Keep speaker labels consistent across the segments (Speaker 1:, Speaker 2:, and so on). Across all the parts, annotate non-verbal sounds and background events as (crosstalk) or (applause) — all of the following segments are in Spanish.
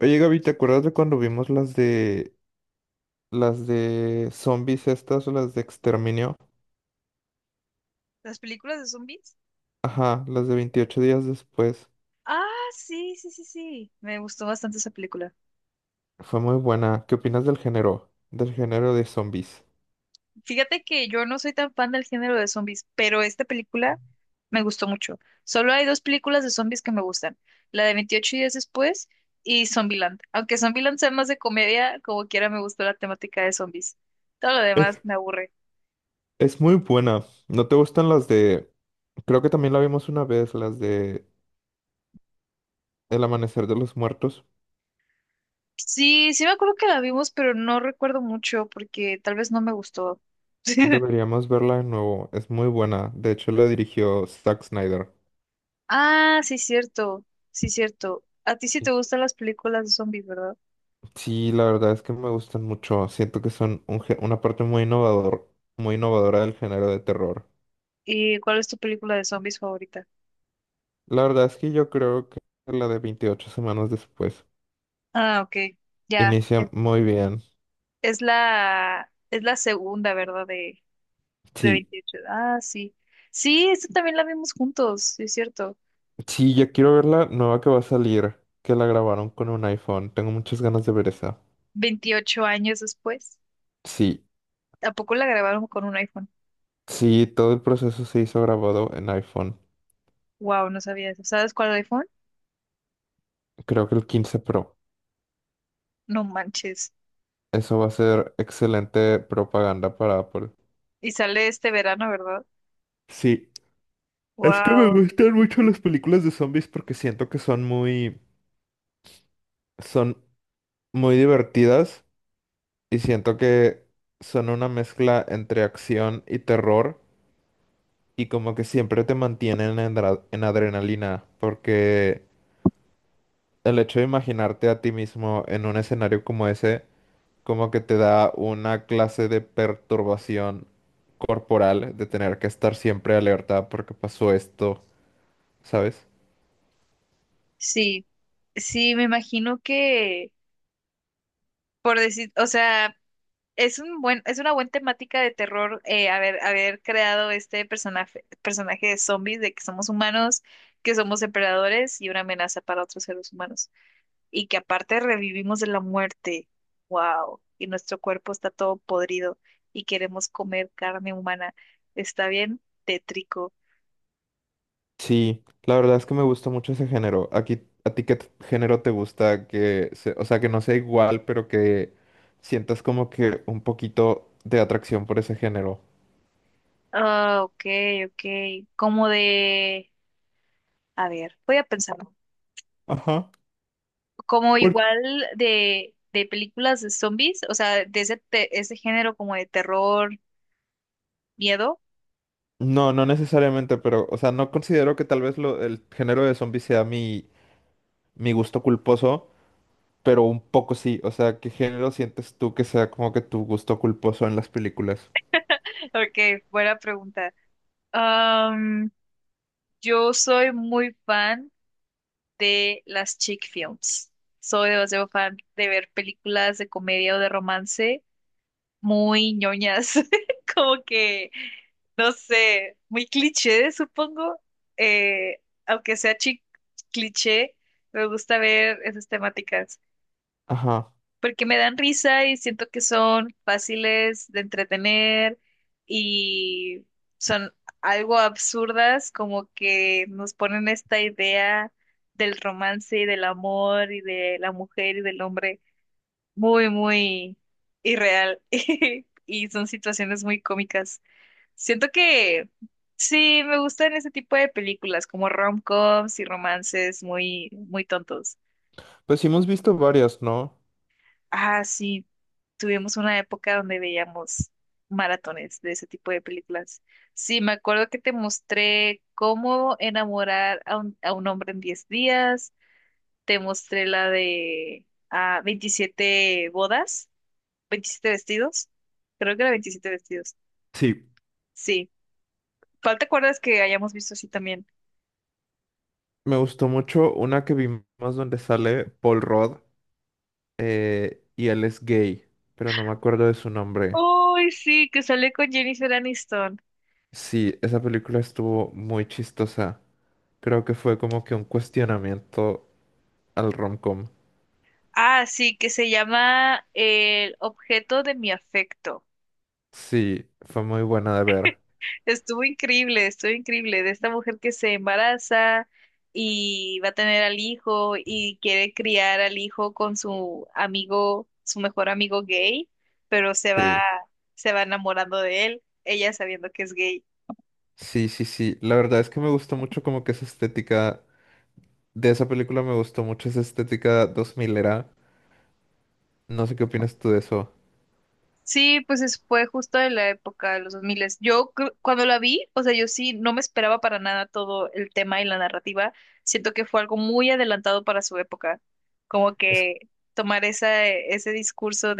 Speaker 1: Oye, Gaby, ¿te acuerdas de cuando vimos las de zombies estas o las de exterminio?
Speaker 2: ¿Las películas de zombies?
Speaker 1: Ajá, las de 28 días después.
Speaker 2: Ah, sí, sí, sí, sí. Me gustó bastante esa película.
Speaker 1: Fue muy buena. ¿Qué opinas del género? Del género de zombies.
Speaker 2: Fíjate que yo no soy tan fan del género de zombies, pero esta película me gustó mucho. Solo hay dos películas de zombies que me gustan. La de Veintiocho días después y Zombieland. Aunque Zombieland sea más de comedia, como quiera me gustó la temática de zombies. Todo lo demás
Speaker 1: Es,
Speaker 2: me aburre.
Speaker 1: es muy buena. ¿No te gustan las de... Creo que también la vimos una vez, las de El amanecer de los muertos.
Speaker 2: Sí, sí me acuerdo que la vimos, pero no recuerdo mucho porque tal vez no me gustó. (laughs)
Speaker 1: Deberíamos verla de nuevo. Es muy buena. De hecho, la dirigió Zack Snyder.
Speaker 2: Ah, sí, cierto. Sí, cierto. A ti sí te gustan las películas de zombies, ¿verdad?
Speaker 1: Sí, la verdad es que me gustan mucho. Siento que son una parte muy innovador, muy innovadora del género de terror.
Speaker 2: ¿Y cuál es tu película de zombies favorita?
Speaker 1: La verdad es que yo creo que la de 28 semanas después
Speaker 2: Ah, ok. Ya.
Speaker 1: inicia
Speaker 2: Es,
Speaker 1: muy bien.
Speaker 2: es la, es la segunda, ¿verdad? De
Speaker 1: Sí,
Speaker 2: veintiocho. Ah, sí. Sí, esta también la vimos juntos, sí, es cierto.
Speaker 1: sí, yo quiero ver la nueva que va a salir, que la grabaron con un iPhone. Tengo muchas ganas de ver esa.
Speaker 2: Veintiocho años después.
Speaker 1: Sí,
Speaker 2: ¿A poco la grabaron con un iPhone?
Speaker 1: sí, todo el proceso se hizo grabado en iPhone.
Speaker 2: Wow, no sabía eso. ¿Sabes cuál iPhone?
Speaker 1: Creo que el 15 Pro.
Speaker 2: No manches.
Speaker 1: Eso va a ser excelente propaganda para Apple.
Speaker 2: Y sale este verano, ¿verdad?
Speaker 1: Sí. Es que me
Speaker 2: Wow.
Speaker 1: gustan mucho las películas de zombies porque siento que son muy divertidas y siento que son una mezcla entre acción y terror y como que siempre te mantienen en adrenalina porque el hecho de imaginarte a ti mismo en un escenario como ese como que te da una clase de perturbación corporal de tener que estar siempre alerta porque pasó esto, ¿sabes?
Speaker 2: Sí. Sí, me imagino que, por decir, o sea. Es un buen, es una buena temática de terror haber creado este personaje de zombies, de que somos humanos, que somos depredadores y una amenaza para otros seres humanos. Y que aparte revivimos de la muerte. ¡Wow! Y nuestro cuerpo está todo podrido y queremos comer carne humana. Está bien tétrico.
Speaker 1: Sí, la verdad es que me gusta mucho ese género. Aquí, ¿a ti género te gusta que, o sea, que no sea igual, pero que sientas como que un poquito de atracción por ese género?
Speaker 2: Ah, ok, ok. Como de... A ver, voy a pensar.
Speaker 1: Ajá.
Speaker 2: Como
Speaker 1: Por-
Speaker 2: igual de películas de zombies, o sea, de ese género como de terror, miedo.
Speaker 1: No, no necesariamente, pero, o sea, no considero que tal vez el género de zombies sea mi gusto culposo, pero un poco sí. O sea, ¿qué género sientes tú que sea como que tu gusto culposo en las películas?
Speaker 2: (laughs) Ok, buena pregunta. Am, yo soy muy fan de las chick films. Soy demasiado fan de ver películas de comedia o de romance muy ñoñas, (laughs) como que, no sé, muy cliché, supongo. Aunque sea chick cliché, me gusta ver esas temáticas,
Speaker 1: Ajá.
Speaker 2: porque me dan risa y siento que son fáciles de entretener y son algo absurdas, como que nos ponen esta idea del romance y del amor y de la mujer y del hombre muy, muy irreal (laughs) y son situaciones muy cómicas. Siento que sí, me gustan ese tipo de películas como rom-coms y romances muy, muy tontos.
Speaker 1: Pues sí hemos visto varias, ¿no?
Speaker 2: Ah, sí, tuvimos una época donde veíamos maratones de ese tipo de películas. Sí, me acuerdo que te mostré cómo enamorar a un hombre en diez días, te mostré la de veintisiete bodas, veintisiete vestidos, creo que era veintisiete vestidos.
Speaker 1: Sí.
Speaker 2: Sí, ¿cuál te acuerdas que hayamos visto así también?
Speaker 1: Me gustó mucho una que vimos donde sale Paul Rudd y él es gay, pero no me acuerdo de su nombre.
Speaker 2: Uy, sí, que sale con Jennifer Aniston.
Speaker 1: Sí, esa película estuvo muy chistosa. Creo que fue como que un cuestionamiento al romcom.
Speaker 2: Ah, sí, que se llama El objeto de mi afecto.
Speaker 1: Sí, fue muy buena de ver.
Speaker 2: Estuvo increíble, estuvo increíble. De esta mujer que se embaraza y va a tener al hijo y quiere criar al hijo con su amigo, su mejor amigo gay, pero se va,
Speaker 1: Sí,
Speaker 2: se va enamorando de él, ella sabiendo que es gay.
Speaker 1: sí, sí, sí. La verdad es que me gustó mucho como que esa estética de esa película, me gustó mucho esa estética 2000era. No sé qué opinas tú de eso.
Speaker 2: Sí, pues es- fue justo en la época de los 2000. Cuando la vi, o sea, yo sí no me esperaba para nada todo el tema y la narrativa. Siento que fue algo muy adelantado para su época. Como que tomar esa, ese discurso.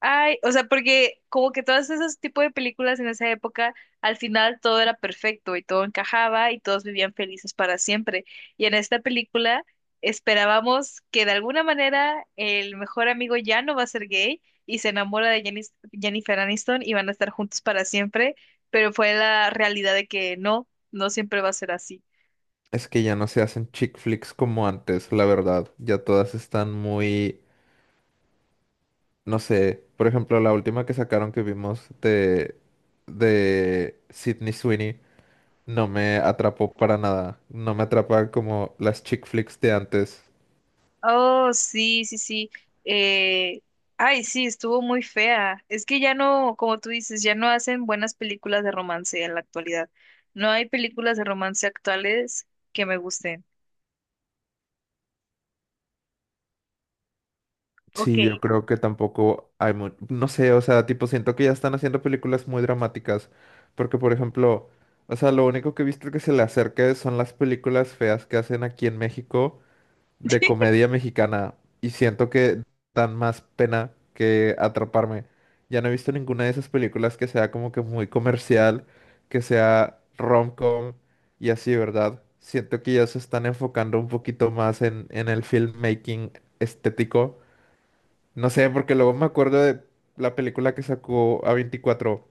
Speaker 2: Ay, o sea, porque como que todos esos tipos de películas en esa época, al final todo era perfecto y todo encajaba y todos vivían felices para siempre. Y en esta película esperábamos que de alguna manera el mejor amigo ya no va a ser gay y se enamora de Jennifer Aniston y van a estar juntos para siempre, pero fue la realidad de que no, no siempre va a ser así.
Speaker 1: Es que ya no se hacen chick flicks como antes, la verdad. Ya todas están muy, no sé, por ejemplo, la última que sacaron que vimos de Sydney Sweeney no me atrapó para nada. No me atrapa como las chick flicks de antes.
Speaker 2: Oh, sí, sí, sí. Eh, ay, sí, estuvo muy fea. Es que ya no, como tú dices, ya no hacen buenas películas de romance en la actualidad. No hay películas de romance actuales que me gusten. Ok.
Speaker 1: Sí, yo creo que tampoco hay no sé, o sea, tipo siento que ya están haciendo películas muy dramáticas, porque por ejemplo, o sea, lo único que he visto que se le acerca son las películas feas que hacen aquí en México de comedia mexicana y siento que dan más pena que atraparme. Ya no he visto ninguna de esas películas que sea como que muy comercial, que sea rom-com y así, ¿verdad? Siento que ya se están enfocando un poquito más en el filmmaking estético. No sé, porque luego me acuerdo de la película que sacó a veinticuatro,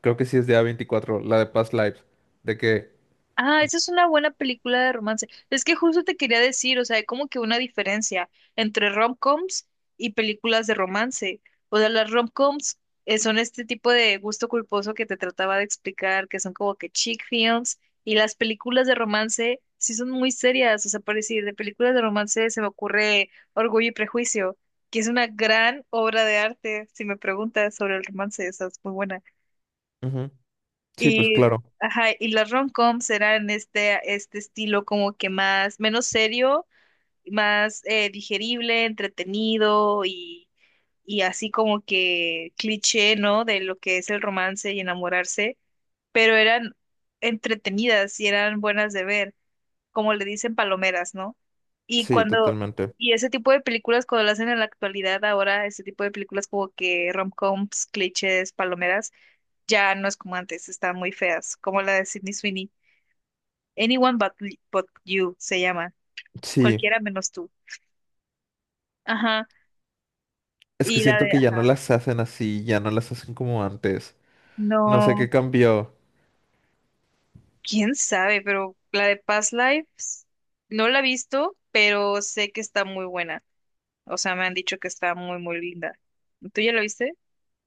Speaker 1: creo que sí es de a veinticuatro la de Past Lives, de que...
Speaker 2: Ah, esa es una buena película de romance. Es que justo te quería decir, o sea, hay como que una diferencia entre rom-coms y películas de romance. O sea, las rom-coms son este tipo de gusto culposo que te trataba de explicar, que son como que chick films, y las películas de romance sí son muy serias. O sea, por decir, de películas de romance se me ocurre Orgullo y Prejuicio, que es una gran obra de arte; si me preguntas sobre el romance, esa es muy buena.
Speaker 1: Ujú. Sí, pues
Speaker 2: Y,
Speaker 1: claro,
Speaker 2: ajá, y las rom-coms eran este, estilo como que más, menos serio, más digerible, entretenido y así como que cliché, ¿no? De lo que es el romance y enamorarse, pero eran entretenidas y eran buenas de ver, como le dicen palomeras, ¿no? Y
Speaker 1: sí,
Speaker 2: cuando,
Speaker 1: totalmente.
Speaker 2: y ese tipo de películas, cuando lo hacen en la actualidad, ahora ese tipo de películas como que rom-coms, clichés, palomeras ya no es como antes, están muy feas, como la de Sydney Sweeney. Anyone but you se llama.
Speaker 1: Sí.
Speaker 2: Cualquiera menos tú. Ajá.
Speaker 1: Es que siento que ya no
Speaker 2: Ajá.
Speaker 1: las hacen así, ya no las hacen como antes. No sé qué
Speaker 2: No,
Speaker 1: cambió.
Speaker 2: quién sabe, pero la de Past Lives no la he visto, pero sé que está muy buena. O sea, me han dicho que está muy, muy linda. ¿Tú ya la viste?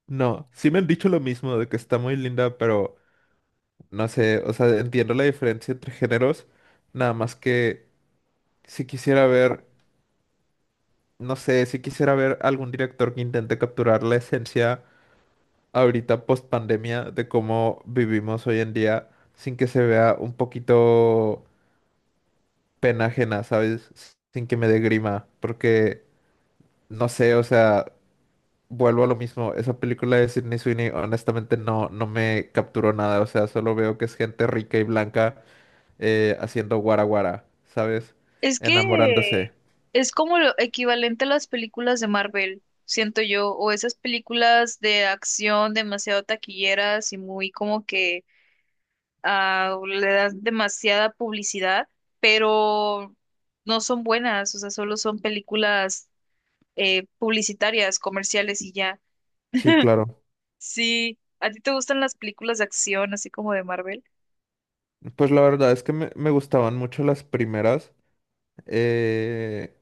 Speaker 1: No, sí me han dicho lo mismo de que está muy linda, pero no sé, o sea, entiendo la diferencia entre géneros, nada más que si quisiera ver, no sé, si quisiera ver algún director que intente capturar la esencia ahorita post pandemia de cómo vivimos hoy en día sin que se vea un poquito pena ajena, ¿sabes? Sin que me dé grima, porque no sé, o sea, vuelvo a lo mismo, esa película de Sydney Sweeney honestamente no, no me capturó nada, o sea, solo veo que es gente rica y blanca haciendo guara guara, ¿sabes?
Speaker 2: Es que
Speaker 1: Enamorándose.
Speaker 2: es como lo equivalente a las películas de Marvel, siento yo, o esas películas de acción demasiado taquilleras y muy como que o le das demasiada publicidad, pero no son buenas, o sea, solo son películas publicitarias, comerciales y ya.
Speaker 1: Sí, claro.
Speaker 2: Sí, ¿a ti te gustan las películas de acción, así como de Marvel?
Speaker 1: Pues la verdad es que me gustaban mucho las primeras, eh,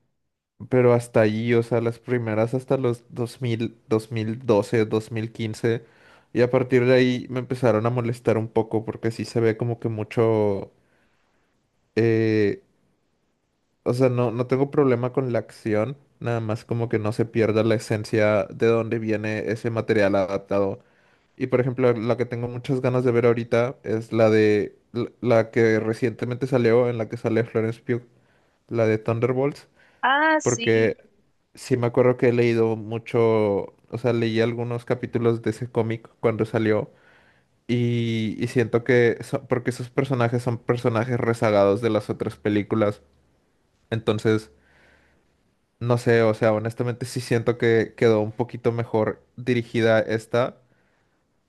Speaker 1: pero hasta allí, o sea, las primeras hasta los 2000, 2012, 2015, y a partir de ahí me empezaron a molestar un poco porque sí se ve como que mucho... eh, o sea, no, no tengo problema con la acción, nada más como que no se pierda la esencia de dónde viene ese material adaptado. Y por ejemplo, la que tengo muchas ganas de ver ahorita es la de la que recientemente salió, en la que sale Florence Pugh, la de Thunderbolts,
Speaker 2: Ah, sí.
Speaker 1: porque sí me acuerdo que he leído mucho, o sea, leí algunos capítulos de ese cómic cuando salió y siento que, porque esos personajes son personajes rezagados de las otras películas, entonces... No sé, o sea, honestamente sí siento que quedó un poquito mejor dirigida esta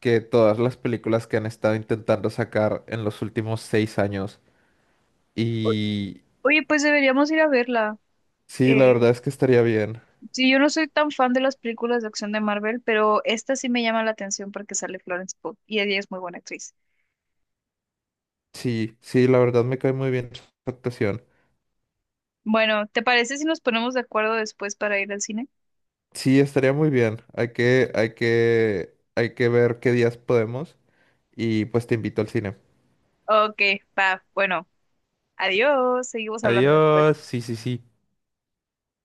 Speaker 1: que todas las películas que han estado intentando sacar en los últimos 6 años.
Speaker 2: O-
Speaker 1: Y
Speaker 2: Oye, pues deberíamos ir a verla.
Speaker 1: sí, la
Speaker 2: Eh,
Speaker 1: verdad es que estaría bien.
Speaker 2: sí, yo no soy tan fan de las películas de acción de Marvel, pero esta sí me llama la atención porque sale Florence Pugh y ella es muy buena actriz.
Speaker 1: Sí, sí, la verdad me cae muy bien su actuación.
Speaker 2: Bueno, ¿te parece si nos ponemos de acuerdo después para ir al cine?
Speaker 1: Sí, estaría muy bien. Hay que ver qué días podemos y pues te invito al cine.
Speaker 2: Ok, va, bueno. Adiós, seguimos hablando después.
Speaker 1: Adiós, sí, sí, sí.